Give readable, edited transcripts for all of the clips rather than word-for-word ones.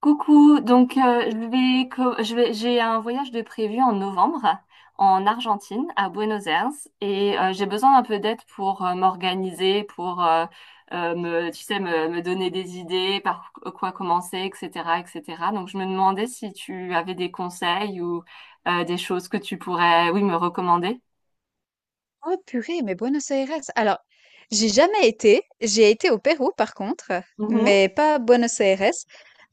Coucou, donc, je vais, co- je vais, j'ai un voyage de prévu en novembre en Argentine, à Buenos Aires. Et j'ai besoin d'un peu d'aide pour m'organiser, pour tu sais, me donner des idées, par quoi commencer, etc., etc. Donc je me demandais si tu avais des conseils ou des choses que tu pourrais, oui, me recommander. Oh purée, mais Buenos Aires. Alors, j'ai jamais été. J'ai été au Pérou par contre, mais pas à Buenos Aires.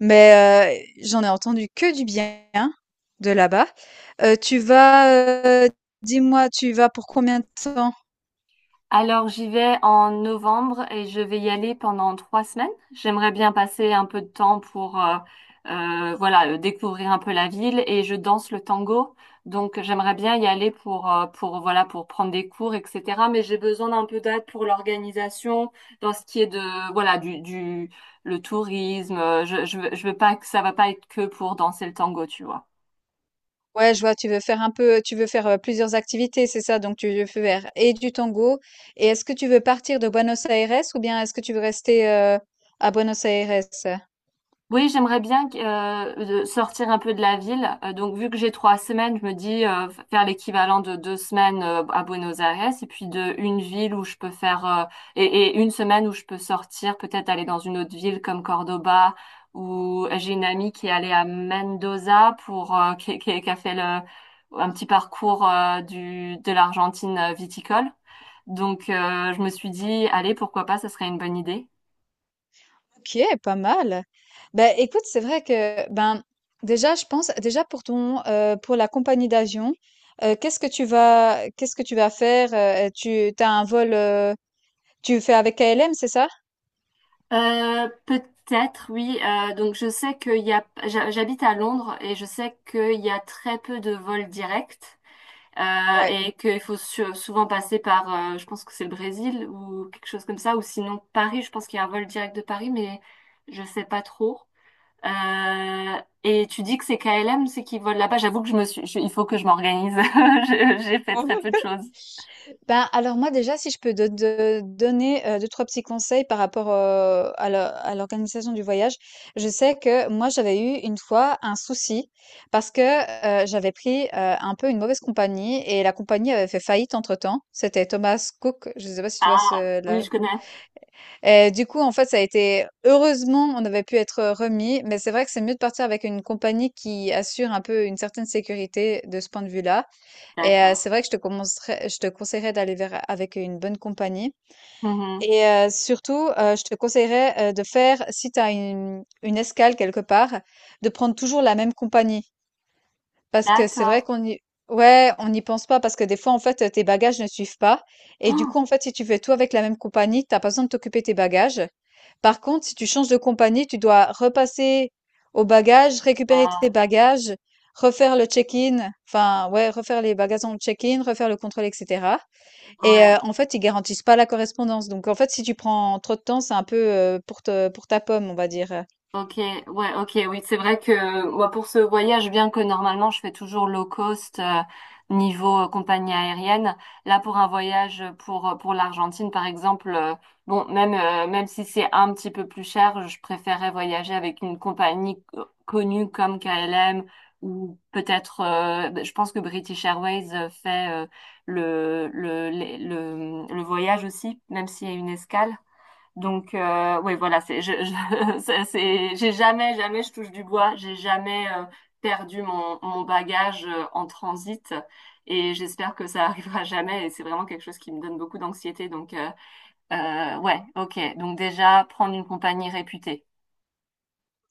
Mais j'en ai entendu que du bien de là-bas. Euh, tu vas, euh, Dis-moi, tu vas pour combien de temps? Alors, j'y vais en novembre et je vais y aller pendant 3 semaines. J'aimerais bien passer un peu de temps pour, voilà, découvrir un peu la ville et je danse le tango. Donc, j'aimerais bien y aller pour, voilà, pour prendre des cours, etc. Mais j'ai besoin d'un peu d'aide pour l'organisation, dans ce qui est de, voilà, le tourisme. Je veux pas que ça va pas être que pour danser le tango, tu vois. Ouais, je vois, tu veux faire plusieurs activités, c'est ça? Donc tu veux faire et du tango. Et est-ce que tu veux partir de Buenos Aires ou bien est-ce que tu veux rester à Buenos Aires? Oui, j'aimerais bien de sortir un peu de la ville. Donc, vu que j'ai 3 semaines, je me dis faire l'équivalent de 2 semaines à Buenos Aires et puis de une ville où je peux faire une semaine où je peux sortir, peut-être aller dans une autre ville comme Cordoba ou j'ai une amie qui est allée à Mendoza pour qui a fait un petit parcours du de l'Argentine viticole. Donc, je me suis dit, allez, pourquoi pas, ça serait une bonne idée. OK, pas mal. Ben, écoute, c'est vrai que, ben, déjà, je pense, déjà pour pour la compagnie d'avion, qu'est-ce que tu vas faire? Tu t'as un vol, tu fais avec KLM, c'est ça? Peut-être, oui. Donc je sais qu'il y a, j'habite à Londres et je sais qu'il y a très peu de vols directs Ouais. et qu'il faut souvent passer par, je pense que c'est le Brésil ou quelque chose comme ça, ou sinon Paris. Je pense qu'il y a un vol direct de Paris, mais je sais pas trop. Et tu dis que c'est KLM, c'est qui vole là-bas. J'avoue que je me suis, il faut que je m'organise. J'ai fait très peu de choses. Ben, alors moi déjà, si je peux te donner, 2-3 petits conseils par rapport, à la à l'organisation du voyage. Je sais que moi, j'avais eu une fois un souci parce que, j'avais pris, un peu une mauvaise compagnie et la compagnie avait fait faillite entre-temps. C'était Thomas Cook, je sais pas si tu vois Ah, ce oui, la. je connais. Et du coup, en fait, ça a été heureusement, on avait pu être remis, mais c'est vrai que c'est mieux de partir avec une compagnie qui assure un peu une certaine sécurité de ce point de vue-là. Et D'accord. c'est vrai que je te conseillerais d'aller vers, avec une bonne compagnie. Mhm. Et surtout, je te conseillerais de faire, si tu as une escale quelque part, de prendre toujours la même compagnie. Parce que c'est vrai D'accord. qu'on y, ouais, on n'y pense pas parce que des fois, en fait, tes bagages ne suivent pas. Et du Ah, coup, en fait, si tu fais tout avec la même compagnie, t'as pas besoin de t'occuper de tes bagages. Par contre, si tu changes de compagnie, tu dois repasser aux bagages, récupérer tes ah, bagages, refaire le check-in, enfin, ouais, refaire les bagages dans le check-in, refaire le contrôle, etc. Et ouais. en fait, ils garantissent pas la correspondance. Donc, en fait, si tu prends trop de temps, c'est un peu, pour te, pour ta pomme, on va dire. Ok, ouais, ok, oui, c'est vrai que moi pour ce voyage, bien que normalement je fais toujours low cost niveau compagnie aérienne, là pour un voyage pour l'Argentine par exemple, bon même si c'est un petit peu plus cher, je préférais voyager avec une compagnie connue comme KLM ou peut-être, je pense que British Airways fait le voyage aussi, même s'il y a une escale. Donc, oui, voilà, j'ai jamais, jamais, je touche du bois, j'ai jamais perdu mon bagage en transit, et j'espère que ça arrivera jamais et c'est vraiment quelque chose qui me donne beaucoup d'anxiété. Donc, ouais, ok. Donc déjà, prendre une compagnie réputée.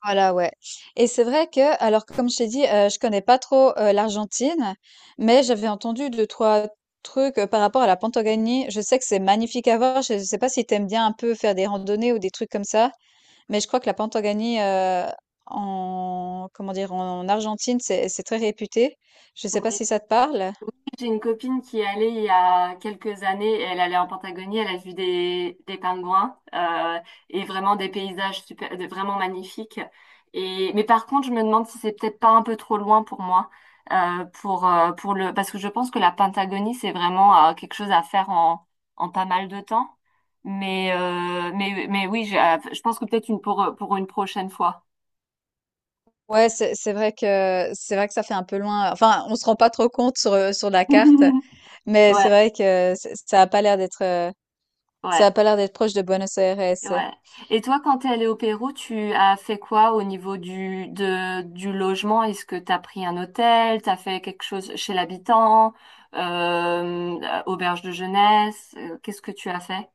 Voilà, ouais, et c'est vrai que alors que comme je t'ai dit, je connais pas trop, l'Argentine, mais j'avais entendu deux-trois trucs, par rapport à la Patagonie. Je sais que c'est magnifique à voir. Je sais pas si tu aimes bien un peu faire des randonnées ou des trucs comme ça, mais je crois que la Patagonie, en comment dire? En Argentine, c'est très réputé. Je sais pas si ça te parle? J'ai une copine qui est allée il y a quelques années, elle allait en Patagonie, elle a vu des pingouins et vraiment des paysages super, vraiment magnifiques. Et, mais par contre, je me demande si c'est peut-être pas un peu trop loin pour moi, parce que je pense que la Patagonie, c'est vraiment quelque chose à faire en, pas mal de temps. Mais, mais oui, je pense que peut-être une pour une prochaine fois. Ouais, c'est vrai que c'est vrai que ça fait un peu loin. Enfin, on se rend pas trop compte sur, sur la carte, mais c'est Ouais, vrai que ça a pas l'air d'être, ça ouais. a pas l'air d'être proche de Buenos Aires. Ouais. Et toi, quand t'es allé au Pérou, tu as fait quoi au niveau du logement? Est-ce que t'as pris un hôtel? T'as fait quelque chose chez l'habitant? Auberge de jeunesse? Qu'est-ce que tu as fait?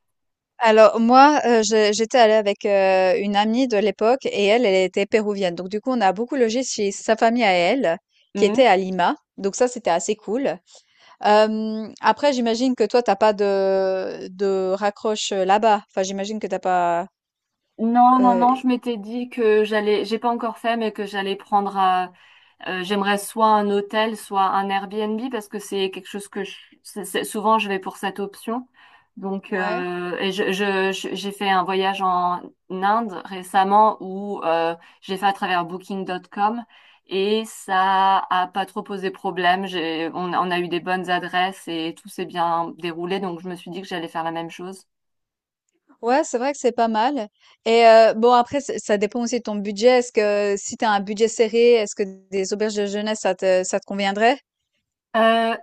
Alors moi, j'étais allée avec une amie de l'époque et elle, elle était péruvienne. Donc du coup, on a beaucoup logé chez sa famille à elle, qui Hmm. était à Lima. Donc ça, c'était assez cool. Hem, après j'imagine que toi t'as pas de raccroche, là-bas? Enfin j'imagine que t'as pas, Non, non, non, heu. je m'étais dit que j'allais, j'ai pas encore fait, mais que j'allais prendre. J'aimerais soit un hôtel, soit un Airbnb parce que c'est quelque chose que souvent je vais pour cette option. Donc, Ouais. J'ai fait un voyage en Inde récemment où j'ai fait à travers Booking.com et ça a pas trop posé problème. J'ai, on a eu des bonnes adresses et tout s'est bien déroulé. Donc, je me suis dit que j'allais faire la même chose. Ouais, c'est vrai que c'est pas mal et bon après ç ça dépend aussi de ton budget. Est-ce que si t'as un budget serré, est-ce que des auberges de jeunesse ça te conviendrait? Euh,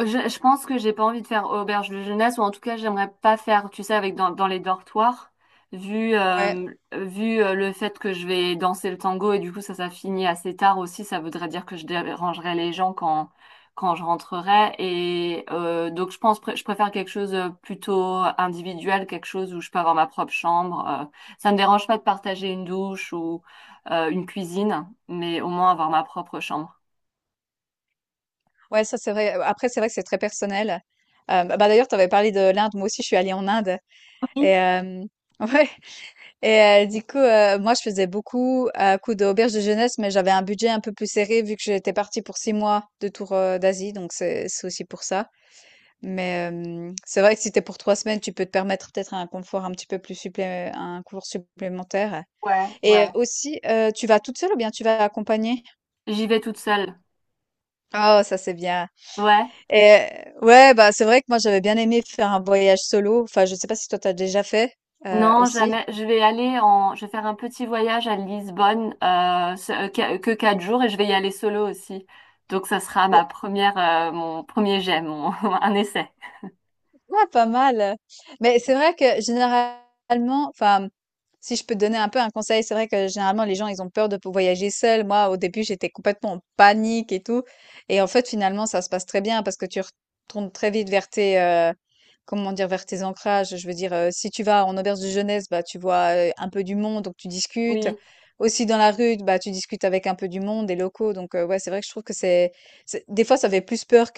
je pense que j'ai pas envie de faire auberge de jeunesse, ou en tout cas, j'aimerais pas faire, tu sais, avec dans les dortoirs, vu, Ouais. Vu le fait que je vais danser le tango et du coup, ça finit assez tard aussi. Ça voudrait dire que je dérangerais les gens quand, je rentrerai. Et donc, je pense, je préfère quelque chose plutôt individuel, quelque chose où je peux avoir ma propre chambre. Ça me dérange pas de partager une douche ou une cuisine, mais au moins avoir ma propre chambre. Ouais, ça c'est vrai. Après c'est vrai que c'est très personnel. Hem, bah, d'ailleurs tu avais parlé de l'Inde. Moi aussi je suis allée en Inde et Oui, hem ouais. Et moi, je faisais beaucoup à coup d'auberge de jeunesse, mais j'avais un budget un peu plus serré vu que j'étais partie pour 6 mois de tour d'Asie, donc c'est aussi pour ça. Mais c'est vrai que si t'es pour 3 semaines, tu peux te permettre peut-être un confort un petit peu plus supplé un confort supplémentaire. ouais, Et ouais. aussi, tu vas toute seule ou bien tu vas accompagnée? J'y vais toute seule. Oh, ça c'est bien. Ouais. Et ouais, bah c'est vrai que moi j'avais bien aimé faire un voyage solo. Enfin, je sais pas si toi t'as déjà fait Non, aussi. jamais. Je vais aller en. Je vais faire un petit voyage à Lisbonne, que 4 jours, et je vais y aller solo aussi. Donc, ça sera ma première, mon premier jet, mon un essai. Ah, pas mal. Mais c'est vrai que généralement, enfin, si je peux te donner un peu un conseil, c'est vrai que généralement les gens ils ont peur de voyager seuls. Moi, au début, j'étais complètement en panique et tout. Et en fait, finalement, ça se passe très bien parce que tu retournes très vite vers tes, comment dire, vers tes ancrages. Je veux dire, si tu vas en auberge de jeunesse, bah tu vois un peu du monde, donc tu discutes. Oui, Aussi dans la rue, bah tu discutes avec un peu du monde, des locaux. Donc ouais, c'est vrai que je trouve que des fois ça fait plus peur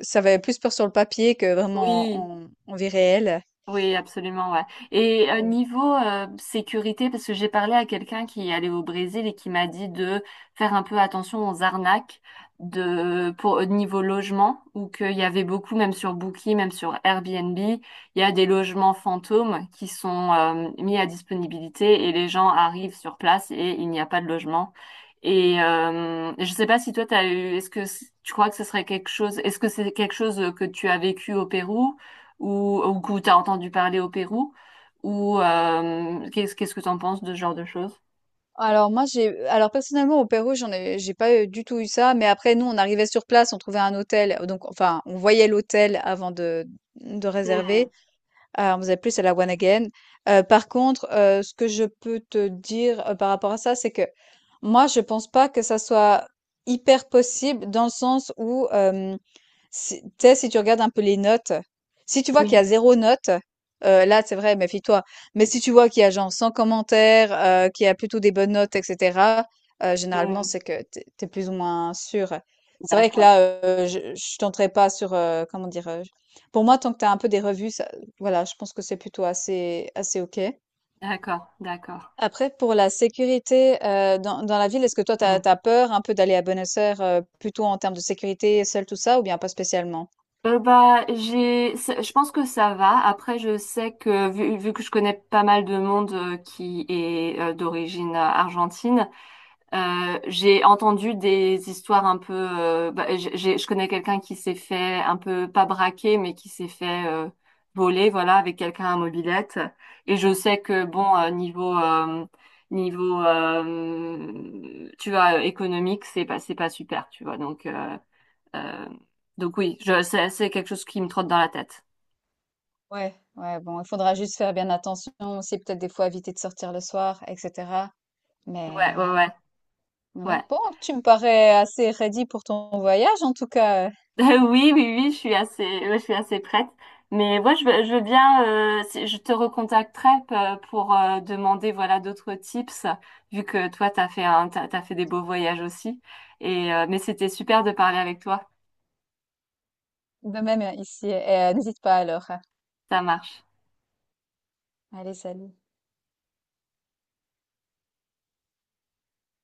ça va plus peur sur le papier que vraiment oui. en en vie réelle. Oui, absolument, ouais. Et Et niveau sécurité, parce que j'ai parlé à quelqu'un qui est allé au Brésil et qui m'a dit de faire un peu attention aux arnaques de pour au niveau logement, ou qu'il y avait beaucoup, même sur Booking, même sur Airbnb, il y a des logements fantômes qui sont mis à disponibilité et les gens arrivent sur place et il n'y a pas de logement. Et je sais pas si toi t'as eu, est-ce que tu crois que ce serait quelque chose, est-ce que c'est quelque chose que tu as vécu au Pérou? Ou que tu as entendu parler au Pérou, ou qu'est-ce que tu en penses de ce genre de choses? alors moi, j'ai alors personnellement au Pérou, j'ai pas, du tout eu ça, mais après nous, on arrivait sur place, on trouvait un hôtel, donc enfin, on voyait l'hôtel avant de Hmm. réserver. On faisait plus à la One Again. Par contre, ce que je peux te dire, par rapport à ça, c'est que moi, je pense pas que ça soit hyper possible dans le sens où, hem, si tu regardes un peu les notes, si tu vois qu'il y Oui, a 0 note, là, c'est vrai, méfie-toi. Mais si tu vois qu'il y a genre 100 commentaires, qu'il y a plutôt des bonnes notes et cetera, généralement, hmm, c'est que t'es es plus ou moins sûr. C'est vrai que d'accord, là, je tenterai pas sur, comment dire? Pour moi, tant que tu as un peu des revues, voilà, je pense que c'est plutôt assez OK. d'accord, d'accord. Après, pour la sécurité, dans la ville, est-ce que toi, tu Hmm. as peur un peu d'aller à Buenos Aires, plutôt en termes de sécurité, seule, tout ça, ou bien pas spécialement? Bah, je pense que ça va. Après, je sais que vu que je connais pas mal de monde qui est d'origine argentine. J'ai entendu des histoires un peu. Bah, je connais quelqu'un qui s'est fait un peu pas braquer, mais qui s'est fait voler, voilà, avec quelqu'un à mobylette. Et je sais que bon, niveau, tu vois, économique, c'est pas super, tu vois. Euh, donc oui, c'est quelque chose qui me trotte dans la tête. Ouais, ouais, bon, il faudra juste faire bien attention aussi, peut-être des fois éviter de sortir le soir et cetera. Ouais, ouais, Mais ouais, ouais, ouais. bon, tu me parais assez ready pour ton voyage, en tout cas, Oui, oui, oui, je suis assez, ouais, je suis assez prête. Mais moi, je veux bien, je te recontacterai pour demander voilà d'autres tips, vu que toi, t'as fait des beaux voyages aussi. Et mais c'était super de parler avec toi. de même ici. Et, n'hésite pas alors. Ça marche. Allez, salut.